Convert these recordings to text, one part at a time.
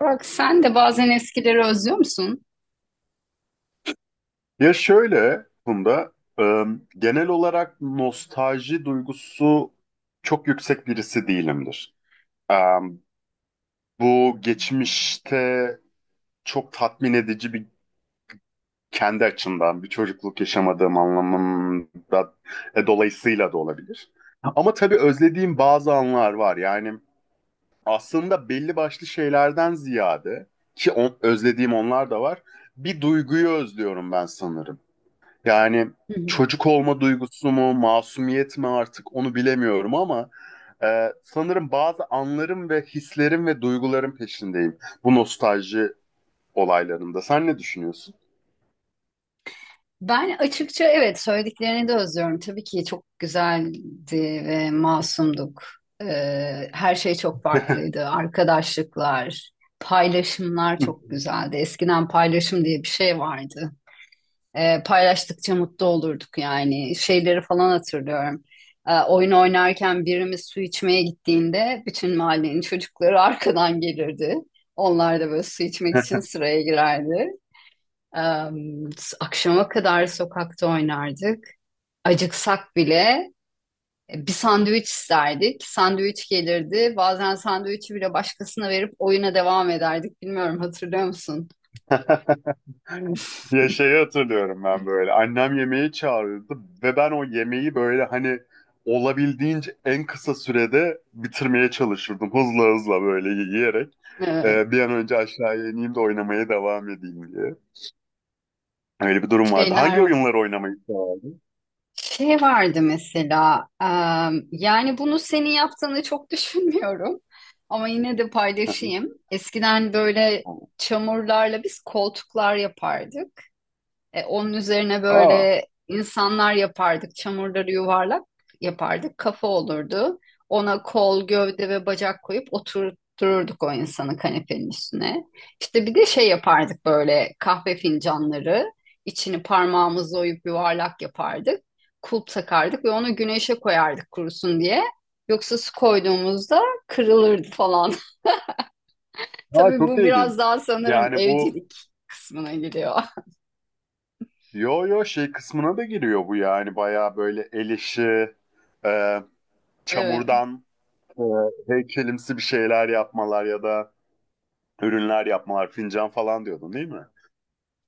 Burak, sen de bazen eskileri özlüyor musun? Ya şöyle Funda, e, genel olarak nostalji duygusu çok yüksek birisi değilimdir. E, Bu geçmişte çok tatmin edici bir kendi açımdan bir çocukluk yaşamadığım anlamında, dolayısıyla da olabilir. Ama tabii özlediğim bazı anlar var. Yani aslında belli başlı şeylerden ziyade, özlediğim onlar da var. Bir duyguyu özlüyorum ben sanırım. Yani Hı hı. çocuk olma duygusu mu, masumiyet mi artık onu bilemiyorum ama sanırım bazı anlarım ve hislerim ve duygularım peşindeyim bu nostalji olaylarında. Sen ne düşünüyorsun? Ben açıkça evet söylediklerini de özlüyorum. Tabii ki çok güzeldi ve masumduk. Her şey çok farklıydı. Arkadaşlıklar, paylaşımlar çok güzeldi. Eskiden paylaşım diye bir şey vardı. Paylaştıkça mutlu olurduk yani. Şeyleri falan hatırlıyorum. Oyun oynarken birimiz su içmeye gittiğinde bütün mahallenin çocukları arkadan gelirdi. Onlar da böyle su içmek için sıraya girerdi. E, Akşama kadar sokakta oynardık. Acıksak bile bir sandviç isterdik. Sandviç gelirdi. Bazen sandviçi bile başkasına verip oyuna devam ederdik. Bilmiyorum hatırlıyor musun? Ya şeyi hatırlıyorum ben böyle. Annem yemeği çağırıyordu ve ben o yemeği böyle hani olabildiğince en kısa sürede bitirmeye çalışırdım. Hızla hızla böyle yiyerek. E, Bir an önce aşağıya ineyim de oynamaya devam edeyim diye. Öyle bir durum vardı. Hangi şeyler oyunları oynamayı severdin? Şey vardı mesela, yani bunu senin yaptığını çok düşünmüyorum ama yine de Hı hı. paylaşayım. Eskiden böyle Tamam. çamurlarla biz koltuklar yapardık. Onun üzerine Aa, böyle insanlar yapardık. Çamurları yuvarlak yapardık. Kafa olurdu. Ona kol, gövde ve bacak koyup oturturduk o insanı kanepenin üstüne. İşte bir de şey yapardık böyle kahve fincanları. İçini parmağımızla oyup yuvarlak yapardık. Kulp takardık ve onu güneşe koyardık kurusun diye. Yoksa su koyduğumuzda kırılırdı falan. aa, Tabii çok bu ilginç. biraz daha sanırım Yani bu, evcilik kısmına giriyor. yo yo, şey kısmına da giriyor bu, yani bayağı böyle el işi, e, Evet. çamurdan e, heykelimsi bir şeyler yapmalar ya da ürünler yapmalar, fincan falan diyordun değil mi?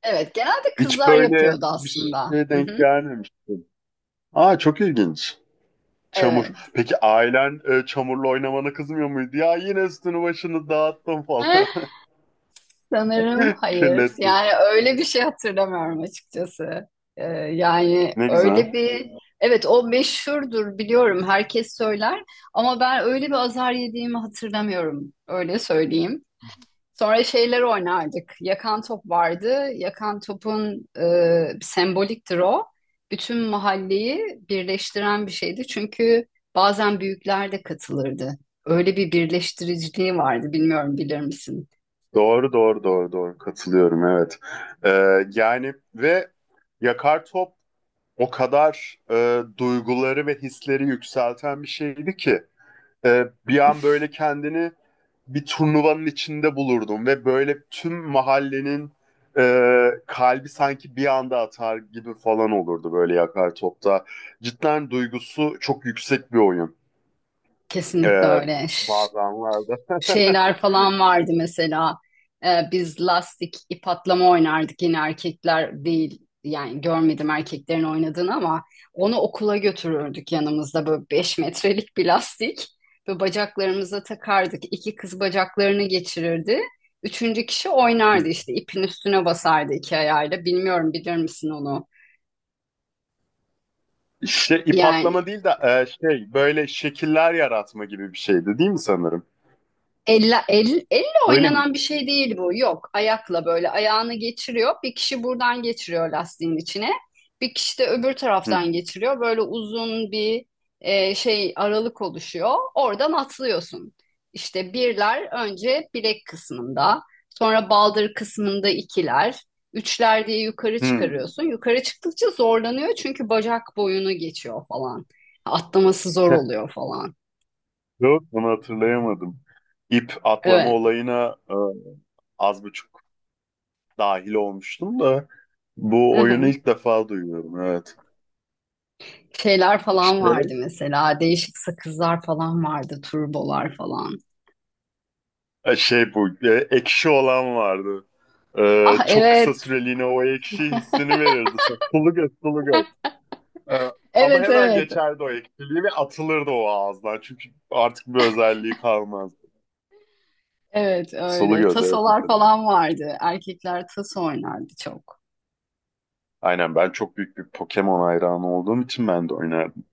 Evet, genelde Hiç kızlar böyle yapıyordu bir aslında. şeye Hı denk hı, gelmemiştim. Aa, çok ilginç. Çamur. evet. Peki ailen, çamurla oynamana kızmıyor muydu? Ya yine üstünü başını dağıttım Eh, falan. Sanırım hayır. Kirlettim. Yani öyle bir şey hatırlamıyorum açıkçası. Yani Ne öyle güzel. bir... Evet, o meşhurdur biliyorum. Herkes söyler. Ama ben öyle bir azar yediğimi hatırlamıyorum. Öyle söyleyeyim. Sonra şeyler oynardık. Yakan top vardı. Yakan topun semboliktir o. Bütün mahalleyi birleştiren bir şeydi. Çünkü bazen büyükler de katılırdı. Öyle bir birleştiriciliği vardı. Bilmiyorum bilir misin? Doğru doğru doğru doğru, katılıyorum, evet. Ee, yani ve Yakar Top o kadar, duyguları ve hisleri yükselten bir şeydi ki, bir an böyle kendini bir turnuvanın içinde bulurdum ve böyle tüm mahallenin kalbi sanki bir anda atar gibi falan olurdu böyle Yakar Top'ta. Cidden duygusu çok yüksek bir oyun. Kesinlikle Ee, öyle. bazı anlarda. Şeyler falan vardı mesela. Biz lastik ip atlama oynardık, yine erkekler değil, yani görmedim erkeklerin oynadığını ama onu okula götürürdük yanımızda böyle 5 metrelik bir lastik ve bacaklarımıza takardık. İki kız bacaklarını geçirirdi. Üçüncü kişi oynardı, işte ipin üstüne basardı iki ayağıyla. Bilmiyorum bilir misin onu? Şey, ip Yani atlama değil de, şey, böyle şekiller yaratma gibi bir şeydi değil mi sanırım? elle Öyle oynanan bir miydi? şey değil bu. Yok. Ayakla böyle ayağını geçiriyor. Bir kişi buradan geçiriyor lastiğin içine. Bir kişi de öbür Hı hı. taraftan geçiriyor. Böyle uzun bir şey aralık oluşuyor. Oradan atlıyorsun. İşte birler önce bilek kısmında, sonra baldır kısmında ikiler, üçler diye yukarı Hı. çıkarıyorsun. Yukarı çıktıkça zorlanıyor çünkü bacak boyunu geçiyor falan. Atlaması zor Heh, oluyor falan. yok onu hatırlayamadım. İp atlama Evet. olayına az buçuk dahil olmuştum da bu oyunu ilk defa duyuyorum, evet. Şeyler falan İşte, vardı mesela. Değişik sakızlar falan vardı. Turbolar falan. Şey, bu ekşi olan vardı. E, Ah çok kısa evet. süreliğine o ekşi hissini verirdi. Sulu göz, sulu göz. Ee, ama Evet hemen evet. geçerdi o ekşiliği ve atılırdı o ağızdan. Çünkü artık bir özelliği kalmazdı. Evet Sulu öyle. göz, evet, Tasolar mesela. falan vardı. Erkekler taso oynardı çok. Aynen, ben çok büyük bir Pokemon hayranı olduğum için ben de oynardım.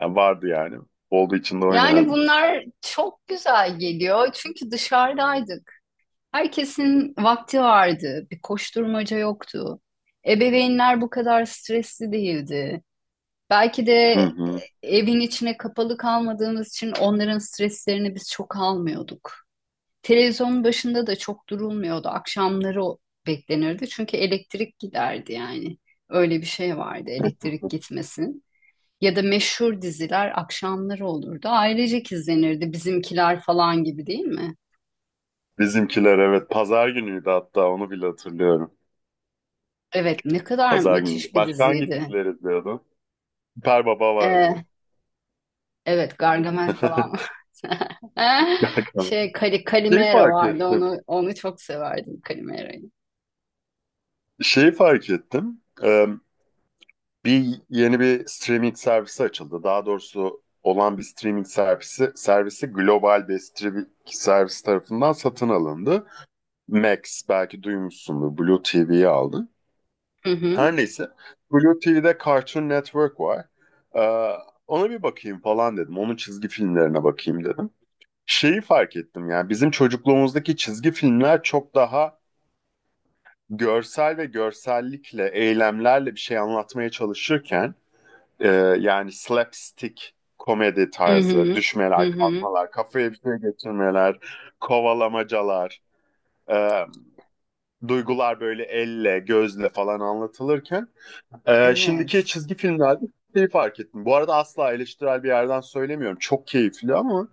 Yani vardı yani. Olduğu için de Yani oynardım. bunlar çok güzel geliyor. Çünkü dışarıdaydık. Herkesin vakti vardı. Bir koşturmaca yoktu. Ebeveynler bu kadar stresli değildi. Belki de Hı e, hı. evin içine kapalı kalmadığımız için onların streslerini biz çok almıyorduk. Televizyonun başında da çok durulmuyordu. Akşamları o beklenirdi. Çünkü elektrik giderdi yani. Öyle bir şey vardı, elektrik gitmesin. Ya da meşhur diziler akşamları olurdu. Ailecek izlenirdi Bizimkiler falan gibi, değil mi? Bizimkiler, evet, pazar günüydü, hatta onu bile hatırlıyorum. Evet, ne kadar Pazar günü. müthiş bir Başka hangi diziydi. dizileri izliyordun? Süper Baba vardı. Ee, evet, Gargamel falan vardı. Gerçekten. Şey Kali, Şeyi Kalimero fark vardı, ettim. onu çok severdim, Kalimero'yu. Şeyi fark ettim. Bir yeni bir streaming servisi açıldı. Daha doğrusu olan bir streaming servisi global bir streaming servis tarafından satın alındı. Max, belki duymuşsundur. Blue TV'yi aldı. Hı hı. Her neyse. Blue TV'de Cartoon Network var. Ee, ona bir bakayım falan dedim. Onun çizgi filmlerine bakayım dedim. Şeyi fark ettim, yani bizim çocukluğumuzdaki çizgi filmler çok daha görsel ve görsellikle, eylemlerle bir şey anlatmaya çalışırken, Ee, yani slapstick komedi Hı tarzı, hı. Hı düşmeler, hı. kalkmalar, kafaya bir şey geçirmeler, kovalamacalar, e, duygular böyle elle, gözle falan anlatılırken, şimdiki Evet. çizgi filmlerde şeyi fark ettim. Bu arada asla eleştirel bir yerden söylemiyorum. Çok keyifli ama,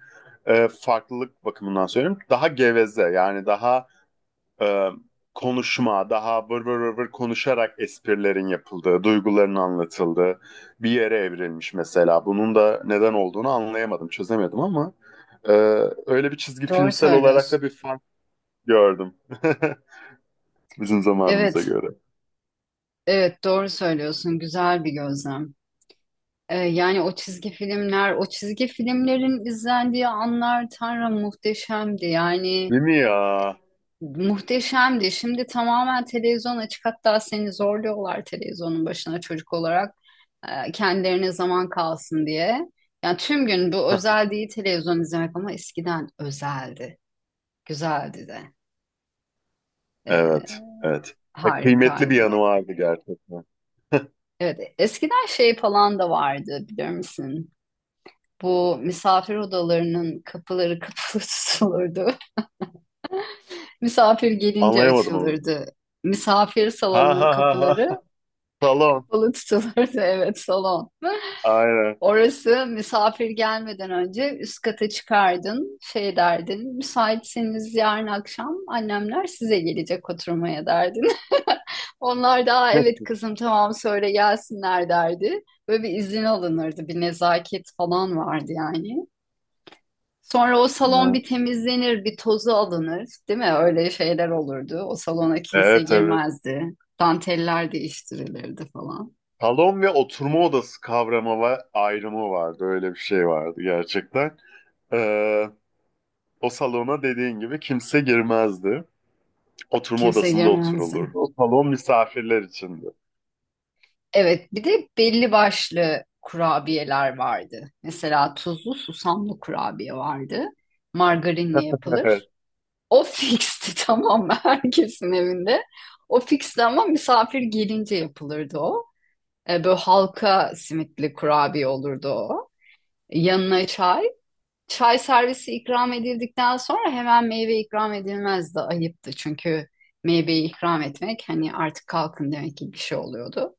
farklılık bakımından söylüyorum. Daha geveze, yani daha, e, konuşma, daha vır vır vır vır konuşarak esprilerin yapıldığı, duyguların anlatıldığı bir yere evrilmiş mesela. Bunun da neden olduğunu anlayamadım, çözemedim ama, e, öyle bir çizgi Doğru filmsel olarak da söylüyorsun. bir fark gördüm bizim zamanımıza Evet. göre. Evet doğru söylüyorsun. Güzel bir gözlem. Yani o çizgi filmlerin izlendiği anlar, Tanrım, muhteşemdi. Yani Değil mi ya? muhteşemdi. Şimdi tamamen televizyon açık. Hatta seni zorluyorlar televizyonun başına, çocuk olarak. Kendilerine zaman kalsın diye. Yani tüm gün bu, özel değil televizyon izlemek, ama eskiden özeldi. Güzeldi de. Evet, Ee, evet. Ya, kıymetli bir Harikaydı. yanı vardı gerçekten. Evet, eskiden şey falan da vardı, biliyor musun? Bu misafir odalarının kapıları kapalı tutulurdu. Misafir gelince Anlayamadım onu. açılırdı. Misafir Ha salonunun ha ha kapıları ha. Salon. kapalı tutulurdu. Evet, salon. Aynen. Orası, misafir gelmeden önce üst kata çıkardın, şey derdin, müsaitseniz yarın akşam annemler size gelecek oturmaya derdin. Onlar da, "Aa, evet kızım tamam, söyle gelsinler," derdi. Böyle bir izin alınırdı, bir nezaket falan vardı yani. Sonra o salon bir temizlenir, bir tozu alınır, değil mi? Öyle şeyler olurdu. O salona kimse Evet, evet. girmezdi. Danteller değiştirilirdi falan. Salon ve oturma odası kavramı var, ayrımı vardı. Öyle bir şey vardı gerçekten. Ee, o salona dediğin gibi kimse girmezdi. Oturma Kimse odasında girmezdi. oturulurdu. O salon misafirler içindi. Evet, bir de belli başlı kurabiyeler vardı. Mesela tuzlu susamlı kurabiye vardı. Margarinle yapılır. Evet. O fixti tamam mı? Herkesin evinde. O fixti ama misafir gelince yapılırdı o. E, böyle halka simitli kurabiye olurdu o. Yanına çay. Çay servisi ikram edildikten sonra hemen meyve ikram edilmezdi. Ayıptı çünkü meyveyi ikram etmek hani artık kalkın demek gibi bir şey oluyordu.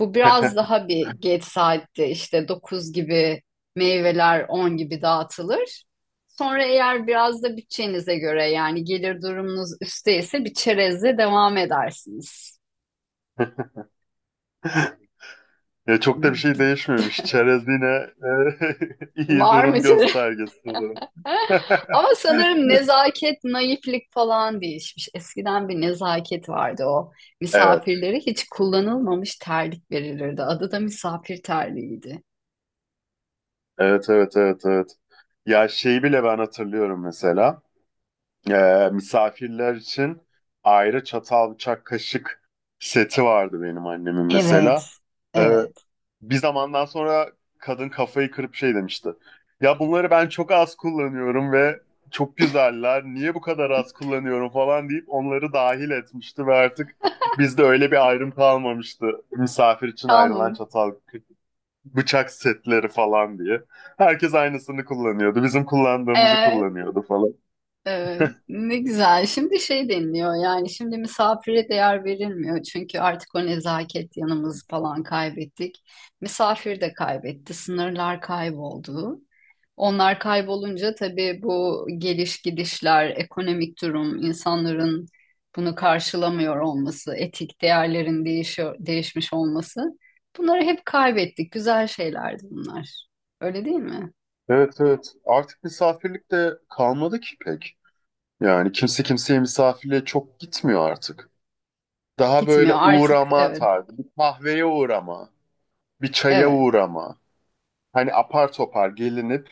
Bu biraz daha bir geç saatte, işte 9 gibi meyveler, 10 gibi dağıtılır. Sonra eğer biraz da bütçenize göre, yani gelir durumunuz üsteyse, bir çerezle devam edersiniz. Ya çok da bir şey D- değişmemiş. Çerez yine iyi Var durum mı çerez? göstergesi sanırım. Ama sanırım nezaket, naiflik falan değişmiş. Eskiden bir nezaket vardı o. Evet. Misafirlere hiç kullanılmamış terlik verilirdi. Adı da misafir terliğiydi. Evet, evet, evet, evet. Ya şeyi bile ben hatırlıyorum mesela. Misafirler için ayrı çatal, bıçak, kaşık seti vardı benim annemin Evet, mesela. Ee, evet. bir zamandan sonra kadın kafayı kırıp şey demişti. Ya bunları ben çok az kullanıyorum ve çok güzeller. Niye bu kadar az kullanıyorum falan deyip onları dahil etmişti ve artık bizde öyle bir ayrım kalmamıştı. Misafir için ayrılan Tamam. çatal, bıçak setleri falan diye. Herkes aynısını kullanıyordu. Bizim kullandığımızı Ee. kullanıyordu falan. Evet, ne güzel. Şimdi şey deniliyor, yani şimdi misafire değer verilmiyor. Çünkü artık o nezaket yanımızı falan kaybettik. Misafir de kaybetti. Sınırlar kayboldu. Onlar kaybolunca tabii bu geliş gidişler, ekonomik durum, insanların bunu karşılamıyor olması, etik değerlerin değişiyor, değişmiş olması. Bunları hep kaybettik. Güzel şeylerdi bunlar. Öyle değil mi? Evet, evet. Artık misafirlik de kalmadı ki pek. Yani kimse kimseye misafirliğe çok gitmiyor artık. Daha böyle Gitmiyor artık. uğrama Evet, tarzı. Bir kahveye uğrama, bir çaya evet, uğrama. Hani apar topar gelinip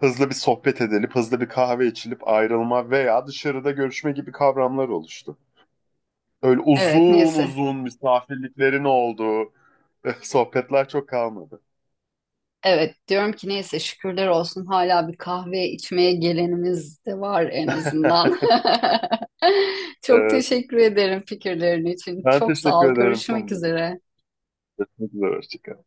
hızlı bir sohbet edilip, hızlı bir kahve içilip ayrılma veya dışarıda görüşme gibi kavramlar oluştu. Öyle evet. uzun Neyse. uzun misafirliklerin olduğu sohbetler çok kalmadı. Evet, diyorum ki neyse, şükürler olsun hala bir kahve içmeye gelenimiz de var en azından. Çok Evet. teşekkür ederim fikirlerin için. Ben Çok sağ teşekkür ol. ederim Görüşmek Funda. üzere. Çok güzel. Hoşça kal.